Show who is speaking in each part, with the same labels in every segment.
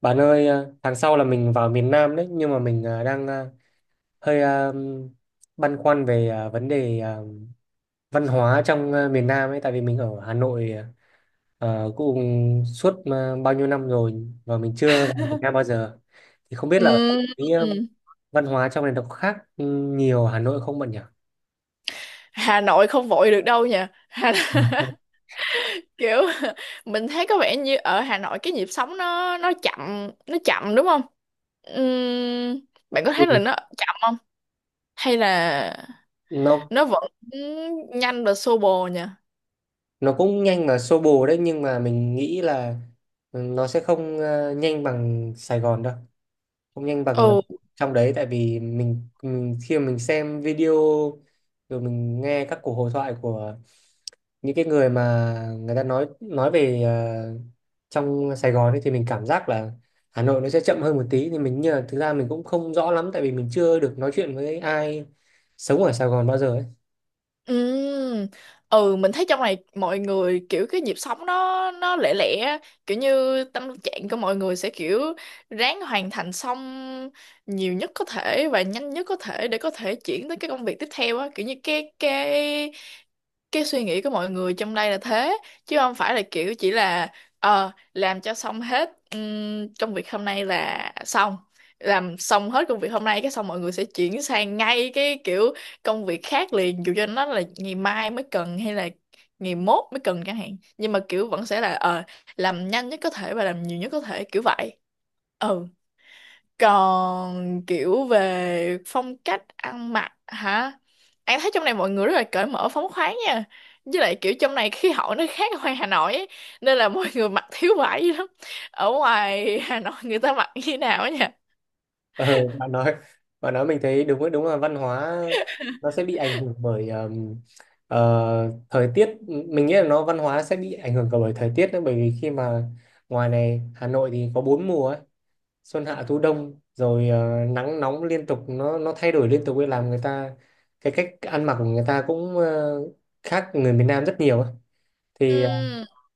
Speaker 1: Bạn ơi, tháng sau là mình vào miền Nam đấy, nhưng mà mình đang hơi băn khoăn về vấn đề văn hóa trong miền Nam ấy, tại vì mình ở Hà Nội cũng suốt bao nhiêu năm rồi và mình chưa vào miền Nam bao giờ. Thì không biết là
Speaker 2: Ừm,
Speaker 1: cái văn hóa trong này nó có khác nhiều Hà Nội không bạn nhỉ?
Speaker 2: Hà Nội không vội được đâu nha Hà... kiểu mình thấy có vẻ như ở Hà Nội cái nhịp sống nó chậm nó chậm đúng không. Ừm, bạn có
Speaker 1: Ừ.
Speaker 2: thấy là nó chậm không hay là
Speaker 1: Nó
Speaker 2: nó vẫn nhanh và xô bồ nha.
Speaker 1: nó cũng nhanh và xô bồ đấy, nhưng mà mình nghĩ là nó sẽ không nhanh bằng Sài Gòn đâu. Không nhanh bằng
Speaker 2: Ừ.
Speaker 1: trong đấy, tại vì mình khi mà mình xem video rồi mình nghe các cuộc hội thoại của những cái người mà người ta nói về trong Sài Gòn ấy, thì mình cảm giác là Hà Nội nó sẽ chậm hơn một tí, thì mình như là thực ra mình cũng không rõ lắm, tại vì mình chưa được nói chuyện với ai sống ở Sài Gòn bao giờ ấy.
Speaker 2: Ừ. Ừ mình thấy trong này mọi người kiểu cái nhịp sống nó lẻ lẻ á, kiểu như tâm trạng của mọi người sẽ kiểu ráng hoàn thành xong nhiều nhất có thể và nhanh nhất có thể để có thể chuyển tới cái công việc tiếp theo á, kiểu như cái cái suy nghĩ của mọi người trong đây là thế, chứ không phải là kiểu chỉ là làm cho xong hết công việc hôm nay là xong, làm xong hết công việc hôm nay cái xong mọi người sẽ chuyển sang ngay cái kiểu công việc khác liền, dù cho nó là ngày mai mới cần hay là ngày mốt mới cần chẳng hạn, nhưng mà kiểu vẫn sẽ là làm nhanh nhất có thể và làm nhiều nhất có thể kiểu vậy. Ừ. Còn kiểu về phong cách ăn mặc hả, An thấy trong này mọi người rất là cởi mở phóng khoáng nha, với lại kiểu trong này khí hậu nó khác ở ngoài Hà Nội ấy, nên là mọi người mặc thiếu vải dữ lắm. Ở ngoài Hà Nội người ta mặc như thế nào ấy nha?
Speaker 1: Ờ, bạn nói bạn nói mình thấy đúng, đúng là văn hóa nó sẽ bị ảnh hưởng bởi thời tiết. Mình nghĩ là nó văn hóa sẽ bị ảnh hưởng cả bởi thời tiết nữa, bởi vì khi mà ngoài này Hà Nội thì có bốn mùa ấy, xuân hạ thu đông, rồi nắng nóng liên tục, nó thay đổi liên tục ấy, làm người ta cái cách ăn mặc của người ta cũng khác người miền Nam rất nhiều ấy. Thì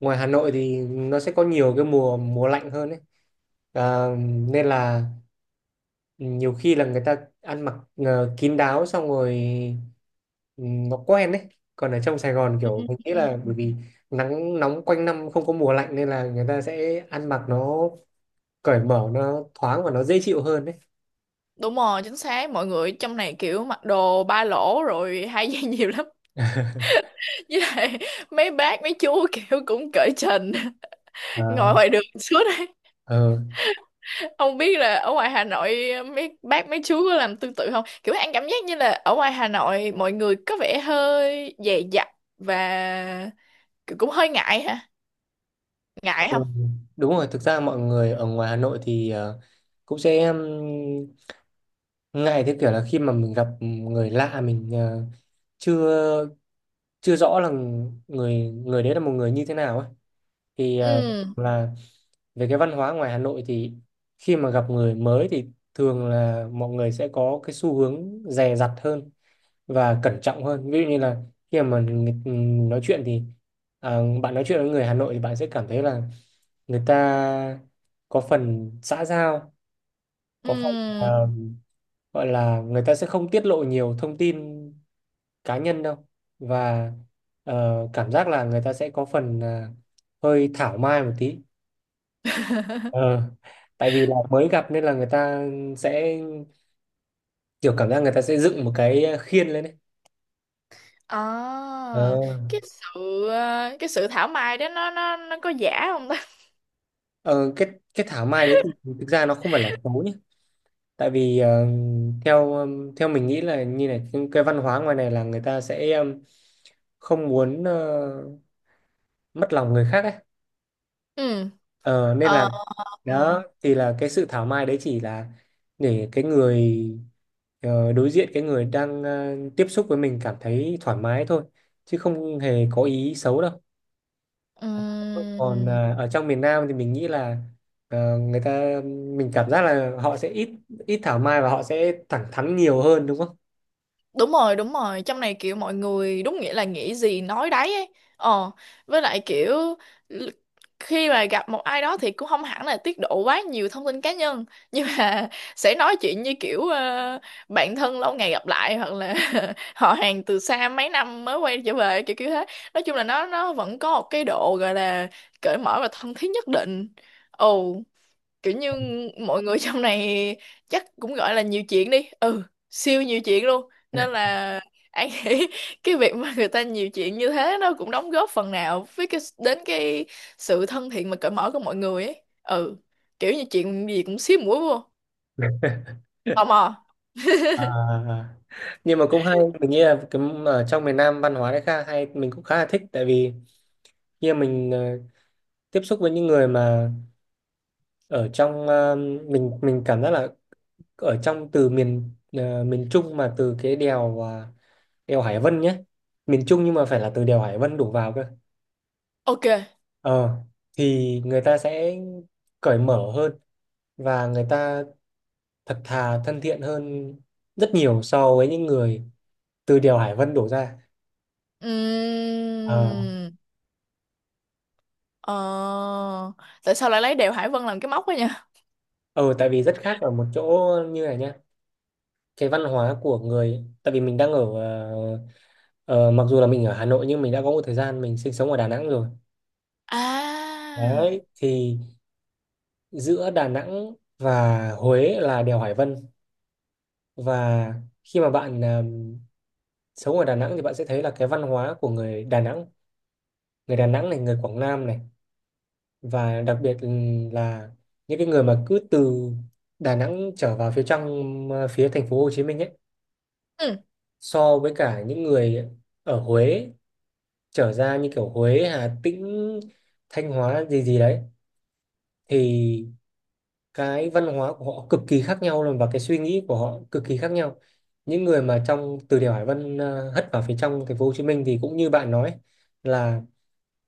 Speaker 1: ngoài Hà Nội thì nó sẽ có nhiều cái mùa mùa lạnh hơn ấy. Ờ, nên là nhiều khi là người ta ăn mặc kín đáo, xong rồi ừ, nó quen đấy. Còn ở trong Sài Gòn kiểu mình nghĩ
Speaker 2: Ừm.
Speaker 1: là bởi vì nắng nóng quanh năm, không có mùa lạnh, nên là người ta sẽ ăn mặc nó cởi mở, nó thoáng và nó dễ chịu hơn đấy.
Speaker 2: Đúng rồi, chính xác. Mọi người trong này kiểu mặc đồ ba lỗ rồi hai dây nhiều lắm. Với lại mấy bác, mấy chú kiểu cũng cởi trần. Ngồi
Speaker 1: À,
Speaker 2: ngoài đường suốt đấy.
Speaker 1: ờ,
Speaker 2: Không biết là ở ngoài Hà Nội mấy bác, mấy chú có làm tương tự không? Kiểu anh cảm giác như là ở ngoài Hà Nội mọi người có vẻ hơi dè dặt và kiểu cũng hơi ngại hả? Ngại
Speaker 1: ừ.
Speaker 2: không?
Speaker 1: Đúng rồi, thực ra mọi người ở ngoài Hà Nội thì cũng sẽ ngại, theo kiểu là khi mà mình gặp người lạ, mình chưa chưa rõ là người người đấy là một người như thế nào ấy, thì
Speaker 2: Ừ,
Speaker 1: là về cái văn hóa ngoài Hà Nội thì khi mà gặp người mới thì thường là mọi người sẽ có cái xu hướng dè dặt hơn và cẩn trọng hơn. Ví dụ như là khi mà nói chuyện thì bạn nói chuyện với người Hà Nội thì bạn sẽ cảm thấy là người ta có phần xã giao, có phần à,
Speaker 2: ừ.
Speaker 1: gọi là người ta sẽ không tiết lộ nhiều thông tin cá nhân đâu, và cảm giác là người ta sẽ có phần hơi thảo mai một tí. Ờ, tại vì là mới gặp nên là người ta sẽ kiểu cảm giác người ta sẽ dựng một cái khiên lên đấy.
Speaker 2: À,
Speaker 1: Ờ,
Speaker 2: cái sự thảo mai đó nó có giả không ta?
Speaker 1: ờ, cái cái thảo mai đấy thì thực ra nó không phải là xấu nhé. Tại vì theo theo mình nghĩ là như này, cái văn hóa ngoài này là người ta sẽ không muốn mất lòng người khác ấy.
Speaker 2: Ừ.
Speaker 1: Ờ, nên là
Speaker 2: Ờ.
Speaker 1: đó thì là cái sự thảo mai đấy chỉ là để cái người đối diện, cái người đang tiếp xúc với mình cảm thấy thoải mái thôi, chứ không hề có ý xấu đâu. Còn
Speaker 2: Ừm,
Speaker 1: ở trong miền Nam thì mình nghĩ là người ta, mình cảm giác là họ sẽ ít ít thảo mai và họ sẽ thẳng thắn nhiều hơn, đúng không?
Speaker 2: đúng rồi đúng rồi, trong này kiểu mọi người đúng nghĩa là nghĩ gì nói đấy ấy. Ờ, với lại kiểu l- khi mà gặp một ai đó thì cũng không hẳn là tiết lộ quá nhiều thông tin cá nhân, nhưng mà sẽ nói chuyện như kiểu bạn thân lâu ngày gặp lại hoặc là họ hàng từ xa mấy năm mới quay trở về kiểu kiểu thế. Nói chung là nó vẫn có một cái độ gọi là cởi mở và thân thiết nhất định. Ồ, kiểu như mọi người trong này chắc cũng gọi là nhiều chuyện đi, ừ, siêu nhiều chuyện luôn, nên là anh nghĩ cái việc mà người ta nhiều chuyện như thế nó cũng đóng góp phần nào với cái sự thân thiện mà cởi mở của mọi người ấy. Ừ, kiểu như chuyện gì cũng xíu mũi vô, tò mò.
Speaker 1: À, nhưng mà cũng hay, mình nghĩ là cái, ở trong miền Nam văn hóa đấy khá hay, mình cũng khá là thích, tại vì khi mà mình tiếp xúc với những người mà ở trong mình cảm giác là ở trong từ miền Trung, mà từ cái đèo đèo Hải Vân nhé, miền Trung nhưng mà phải là từ đèo Hải Vân đổ vào cơ.
Speaker 2: Ok.
Speaker 1: ờ thì người ta sẽ cởi mở hơn, và người ta thật thà, thân thiện hơn rất nhiều so với những người từ đèo Hải Vân đổ ra. ờ
Speaker 2: Ừm, ờ, Tại sao lại lấy đèo Hải Vân làm cái móc ấy nha?
Speaker 1: ờ Tại vì rất khác ở một chỗ như này nhá, cái văn hóa của người, tại vì mình đang ở ờ, mặc dù là mình ở Hà Nội nhưng mình đã có một thời gian mình sinh sống ở Đà Nẵng rồi.
Speaker 2: À.
Speaker 1: Đấy, thì giữa Đà Nẵng và Huế là đèo Hải Vân, và khi mà bạn sống ở Đà Nẵng thì bạn sẽ thấy là cái văn hóa của người Đà Nẵng, người Đà Nẵng này, người Quảng Nam này, và đặc biệt là những cái người mà cứ từ Đà Nẵng trở vào phía trong, phía thành phố Hồ Chí Minh ấy,
Speaker 2: Ừ.
Speaker 1: so với cả những người ở Huế trở ra, như kiểu Huế, Hà Tĩnh, Thanh Hóa gì gì đấy, thì cái văn hóa của họ cực kỳ khác nhau luôn, và cái suy nghĩ của họ cực kỳ khác nhau. Những người mà trong từ đèo Hải Vân hất vào phía trong thành phố Hồ Chí Minh thì cũng như bạn nói là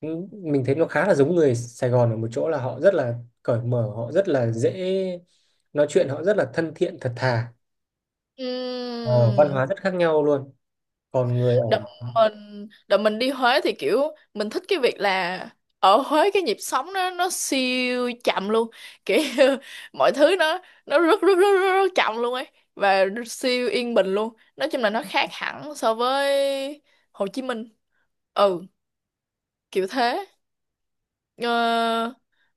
Speaker 1: mình thấy nó khá là giống người Sài Gòn ở một chỗ là họ rất là cởi mở, họ rất là dễ nói chuyện, họ rất là thân thiện, thật thà. Ờ, Văn
Speaker 2: Ừm.
Speaker 1: hóa rất khác nhau luôn. Còn người ở
Speaker 2: Đợt mình đi Huế thì kiểu mình thích cái việc là ở Huế cái nhịp sống nó siêu chậm luôn, kiểu mọi thứ nó rất rất rất rất, rất chậm luôn ấy, và siêu yên bình luôn. Nói chung là nó khác hẳn so với Hồ Chí Minh. Ừ, kiểu thế. Ờ,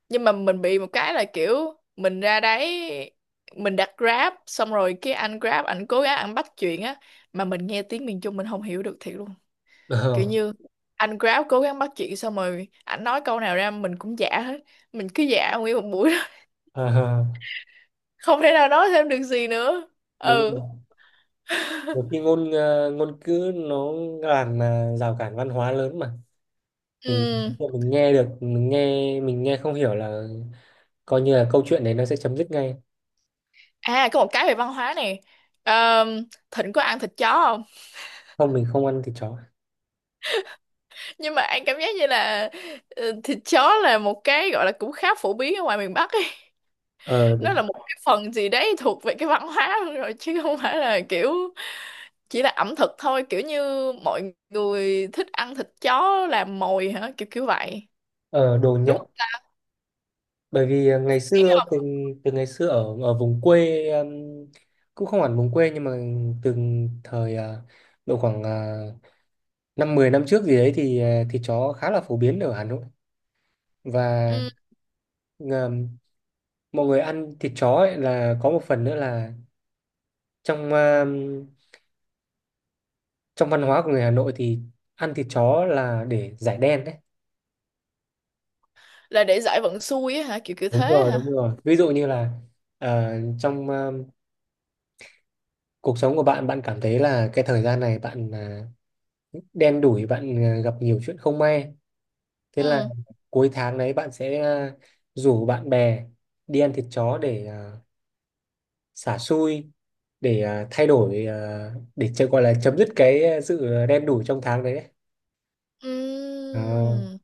Speaker 2: nhưng mà mình bị một cái là kiểu mình ra đấy mình đặt Grab xong rồi cái anh Grab ảnh cố gắng ảnh bắt chuyện á, mà mình nghe tiếng miền Trung mình không hiểu được thiệt luôn. Kiểu như anh Grab cố gắng bắt chuyện xong rồi ảnh nói câu nào ra mình cũng giả hết, mình cứ giả nguyên một buổi đó.
Speaker 1: Ờ, ờ, ờ,
Speaker 2: Không thể nào nói thêm được gì nữa.
Speaker 1: đúng
Speaker 2: Ừ,
Speaker 1: rồi. Nhiều khi ngôn ngữ nó làm rào cản văn hóa lớn mà.
Speaker 2: ừ.
Speaker 1: Mình mình nghe được, mình nghe không hiểu là coi như là câu chuyện đấy nó sẽ chấm dứt ngay.
Speaker 2: À, có một cái về văn hóa này. Ờm, Thịnh có ăn thịt chó không?
Speaker 1: Không, mình không ăn thịt chó.
Speaker 2: Nhưng mà anh cảm giác như là ờ, thịt chó là một cái gọi là cũng khá phổ biến ở ngoài miền Bắc ấy,
Speaker 1: Ờ
Speaker 2: nó
Speaker 1: Đúng.
Speaker 2: là một cái phần gì đấy thuộc về cái văn hóa luôn rồi, chứ không phải là kiểu chỉ là ẩm thực thôi. Kiểu như mọi người thích ăn thịt chó làm mồi hả, kiểu kiểu vậy,
Speaker 1: Ờ Đồ
Speaker 2: đúng không?
Speaker 1: nhậu. Bởi vì ngày xưa, từ từ ngày xưa ở ở vùng quê, cũng không hẳn vùng quê, nhưng mà từ thời độ khoảng năm 10 năm trước gì đấy thì thịt chó khá là phổ biến ở Hà Nội. Và
Speaker 2: Ừ.
Speaker 1: ờm, mọi người ăn thịt chó ấy là có một phần nữa là trong trong văn hóa của người Hà Nội thì ăn thịt chó là để giải đen đấy.
Speaker 2: Là để giải vận xui á hả, kiểu kiểu
Speaker 1: Đúng
Speaker 2: thế
Speaker 1: rồi,
Speaker 2: hả?
Speaker 1: đúng rồi, ví dụ như là ờ, trong cuộc sống của bạn, bạn cảm thấy là cái thời gian này bạn đen đủi, bạn gặp nhiều chuyện không may, thế là
Speaker 2: Ừ.
Speaker 1: cuối tháng đấy bạn sẽ rủ bạn bè đi ăn thịt chó để xả xui, để thay đổi, để cho gọi là chấm dứt cái sự đen đủi trong tháng đấy đấy. à,
Speaker 2: Ừm.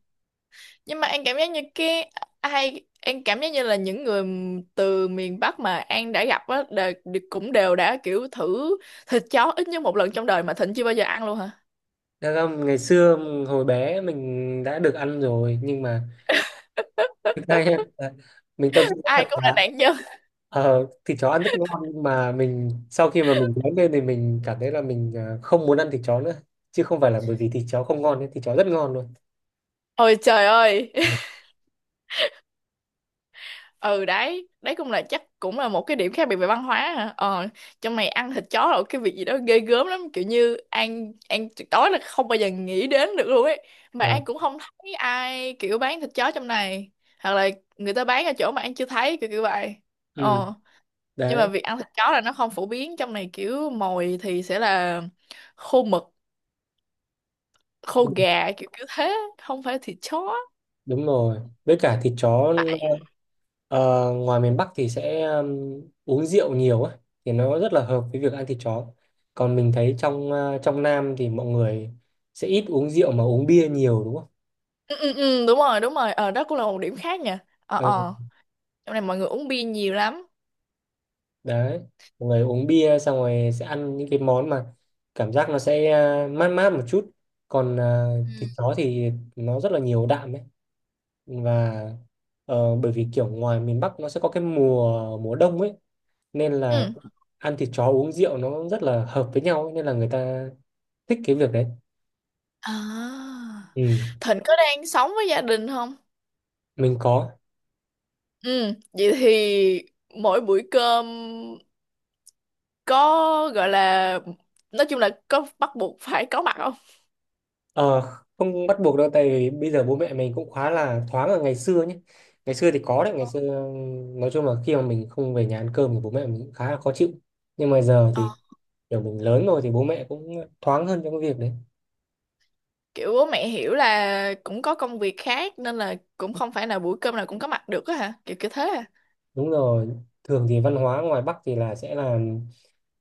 Speaker 2: Nhưng mà An cảm giác như cái An cảm giác như là những người từ miền Bắc mà An đã gặp á đều, cũng đều đã kiểu thử thịt chó ít nhất một lần trong đời, mà Thịnh chưa bao giờ ăn luôn hả?
Speaker 1: Thật ra ngày xưa hồi bé mình đã được ăn rồi, nhưng mà đây em, mình tâm sự thật
Speaker 2: Ai cũng
Speaker 1: là
Speaker 2: là nạn nhân.
Speaker 1: ờ, thịt chó ăn rất ngon, nhưng mà mình sau khi mà mình lớn lên thì mình cảm thấy là mình không muốn ăn thịt chó nữa, chứ không phải là bởi vì thịt chó không ngon ấy, thịt chó rất ngon luôn.
Speaker 2: Ôi trời ơi. Ừ, đấy đấy cũng là chắc cũng là một cái điểm khác biệt về văn hóa hả. Ờ, trong này ăn thịt chó là cái việc gì đó ghê gớm lắm, kiểu như An tuyệt đối là không bao giờ nghĩ đến được luôn ấy. Mà
Speaker 1: Ờ,
Speaker 2: An cũng không thấy ai kiểu bán thịt chó trong này, hoặc là người ta bán ở chỗ mà An chưa thấy kiểu kiểu vậy.
Speaker 1: ừ,
Speaker 2: Ờ. Nhưng mà
Speaker 1: đấy,
Speaker 2: việc ăn thịt chó là nó không phổ biến trong này, kiểu mồi thì sẽ là khô mực, khô gà kiểu kiểu thế, không phải thịt chó.
Speaker 1: đúng rồi. Với cả thịt chó ờ, ngoài miền Bắc thì sẽ uống rượu nhiều ấy, thì nó rất là hợp với việc ăn thịt chó. Còn mình thấy trong trong Nam thì mọi người sẽ ít uống rượu mà uống bia nhiều, đúng không?
Speaker 2: Ừ, ừ, ừ, đúng rồi đúng rồi. Ờ, đó cũng là một điểm khác nha. Ờ,
Speaker 1: Ờ,
Speaker 2: ờ. Trong này mọi người uống bia nhiều lắm.
Speaker 1: đấy, mọi người uống bia xong rồi sẽ ăn những cái món mà cảm giác nó sẽ mát mát một chút, còn
Speaker 2: Ừ.
Speaker 1: thịt chó thì nó rất là nhiều đạm ấy. Và bởi vì kiểu ngoài miền Bắc nó sẽ có cái mùa mùa đông ấy, nên là
Speaker 2: Ừ.
Speaker 1: ăn thịt chó uống rượu nó rất là hợp với nhau ấy, nên là người ta thích cái việc đấy.
Speaker 2: À.
Speaker 1: Ừ,
Speaker 2: Thịnh có đang sống với gia đình không?
Speaker 1: mình có.
Speaker 2: Ừ. Vậy thì mỗi buổi cơm có gọi là nói chung là có bắt buộc phải có mặt không?
Speaker 1: Ờ, không bắt buộc đâu, tại vì bây giờ bố mẹ mình cũng khá là thoáng. Ở ngày xưa nhé, ngày xưa thì có đấy, ngày xưa nói chung là khi mà mình không về nhà ăn cơm thì bố mẹ mình cũng khá là khó chịu, nhưng mà giờ
Speaker 2: Ờ.
Speaker 1: thì kiểu mình lớn rồi thì bố mẹ cũng thoáng hơn trong cái việc đấy.
Speaker 2: Kiểu bố mẹ hiểu là cũng có công việc khác nên là cũng không phải là buổi cơm nào cũng có mặt được á hả? Kiểu kiểu thế à?
Speaker 1: Đúng rồi, thường thì văn hóa ngoài Bắc thì là sẽ là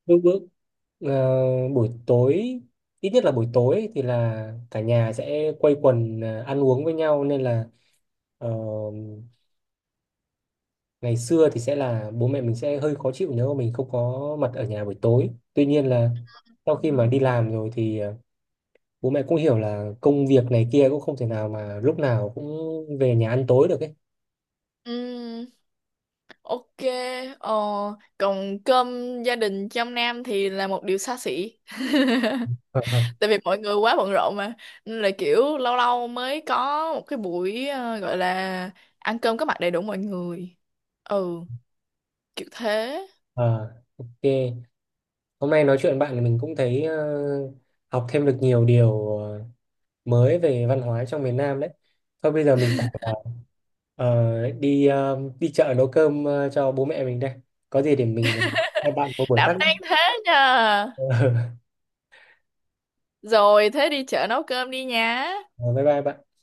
Speaker 1: lúc bữa buổi tối, ít nhất là buổi tối thì là cả nhà sẽ quây quần ăn uống với nhau, nên là ờ, ngày xưa thì sẽ là bố mẹ mình sẽ hơi khó chịu nếu mà mình không có mặt ở nhà buổi tối. Tuy nhiên là sau
Speaker 2: Ừ.
Speaker 1: khi mà đi làm rồi thì bố mẹ cũng hiểu là công việc này kia cũng không thể nào mà lúc nào cũng về nhà ăn tối được ấy.
Speaker 2: Ừm, ok. Ờ, còn cơm gia đình trong Nam thì là một điều xa xỉ, tại vì mọi người quá bận rộn mà, nên là kiểu lâu lâu mới có một cái buổi gọi là ăn cơm có mặt đầy đủ mọi người. Ừ, kiểu thế.
Speaker 1: Ờ, ok, hôm nay nói chuyện với bạn thì mình cũng thấy học thêm được nhiều điều mới về văn hóa trong miền Nam đấy. Thôi, bây giờ mình ờ, đi chợ nấu cơm cho bố mẹ mình đây, có gì để mình hai bạn có buổi
Speaker 2: Đảm
Speaker 1: khác nhé.
Speaker 2: đang thế nha. Rồi thế đi chợ nấu cơm đi nha.
Speaker 1: Ờ, bye bye bạn.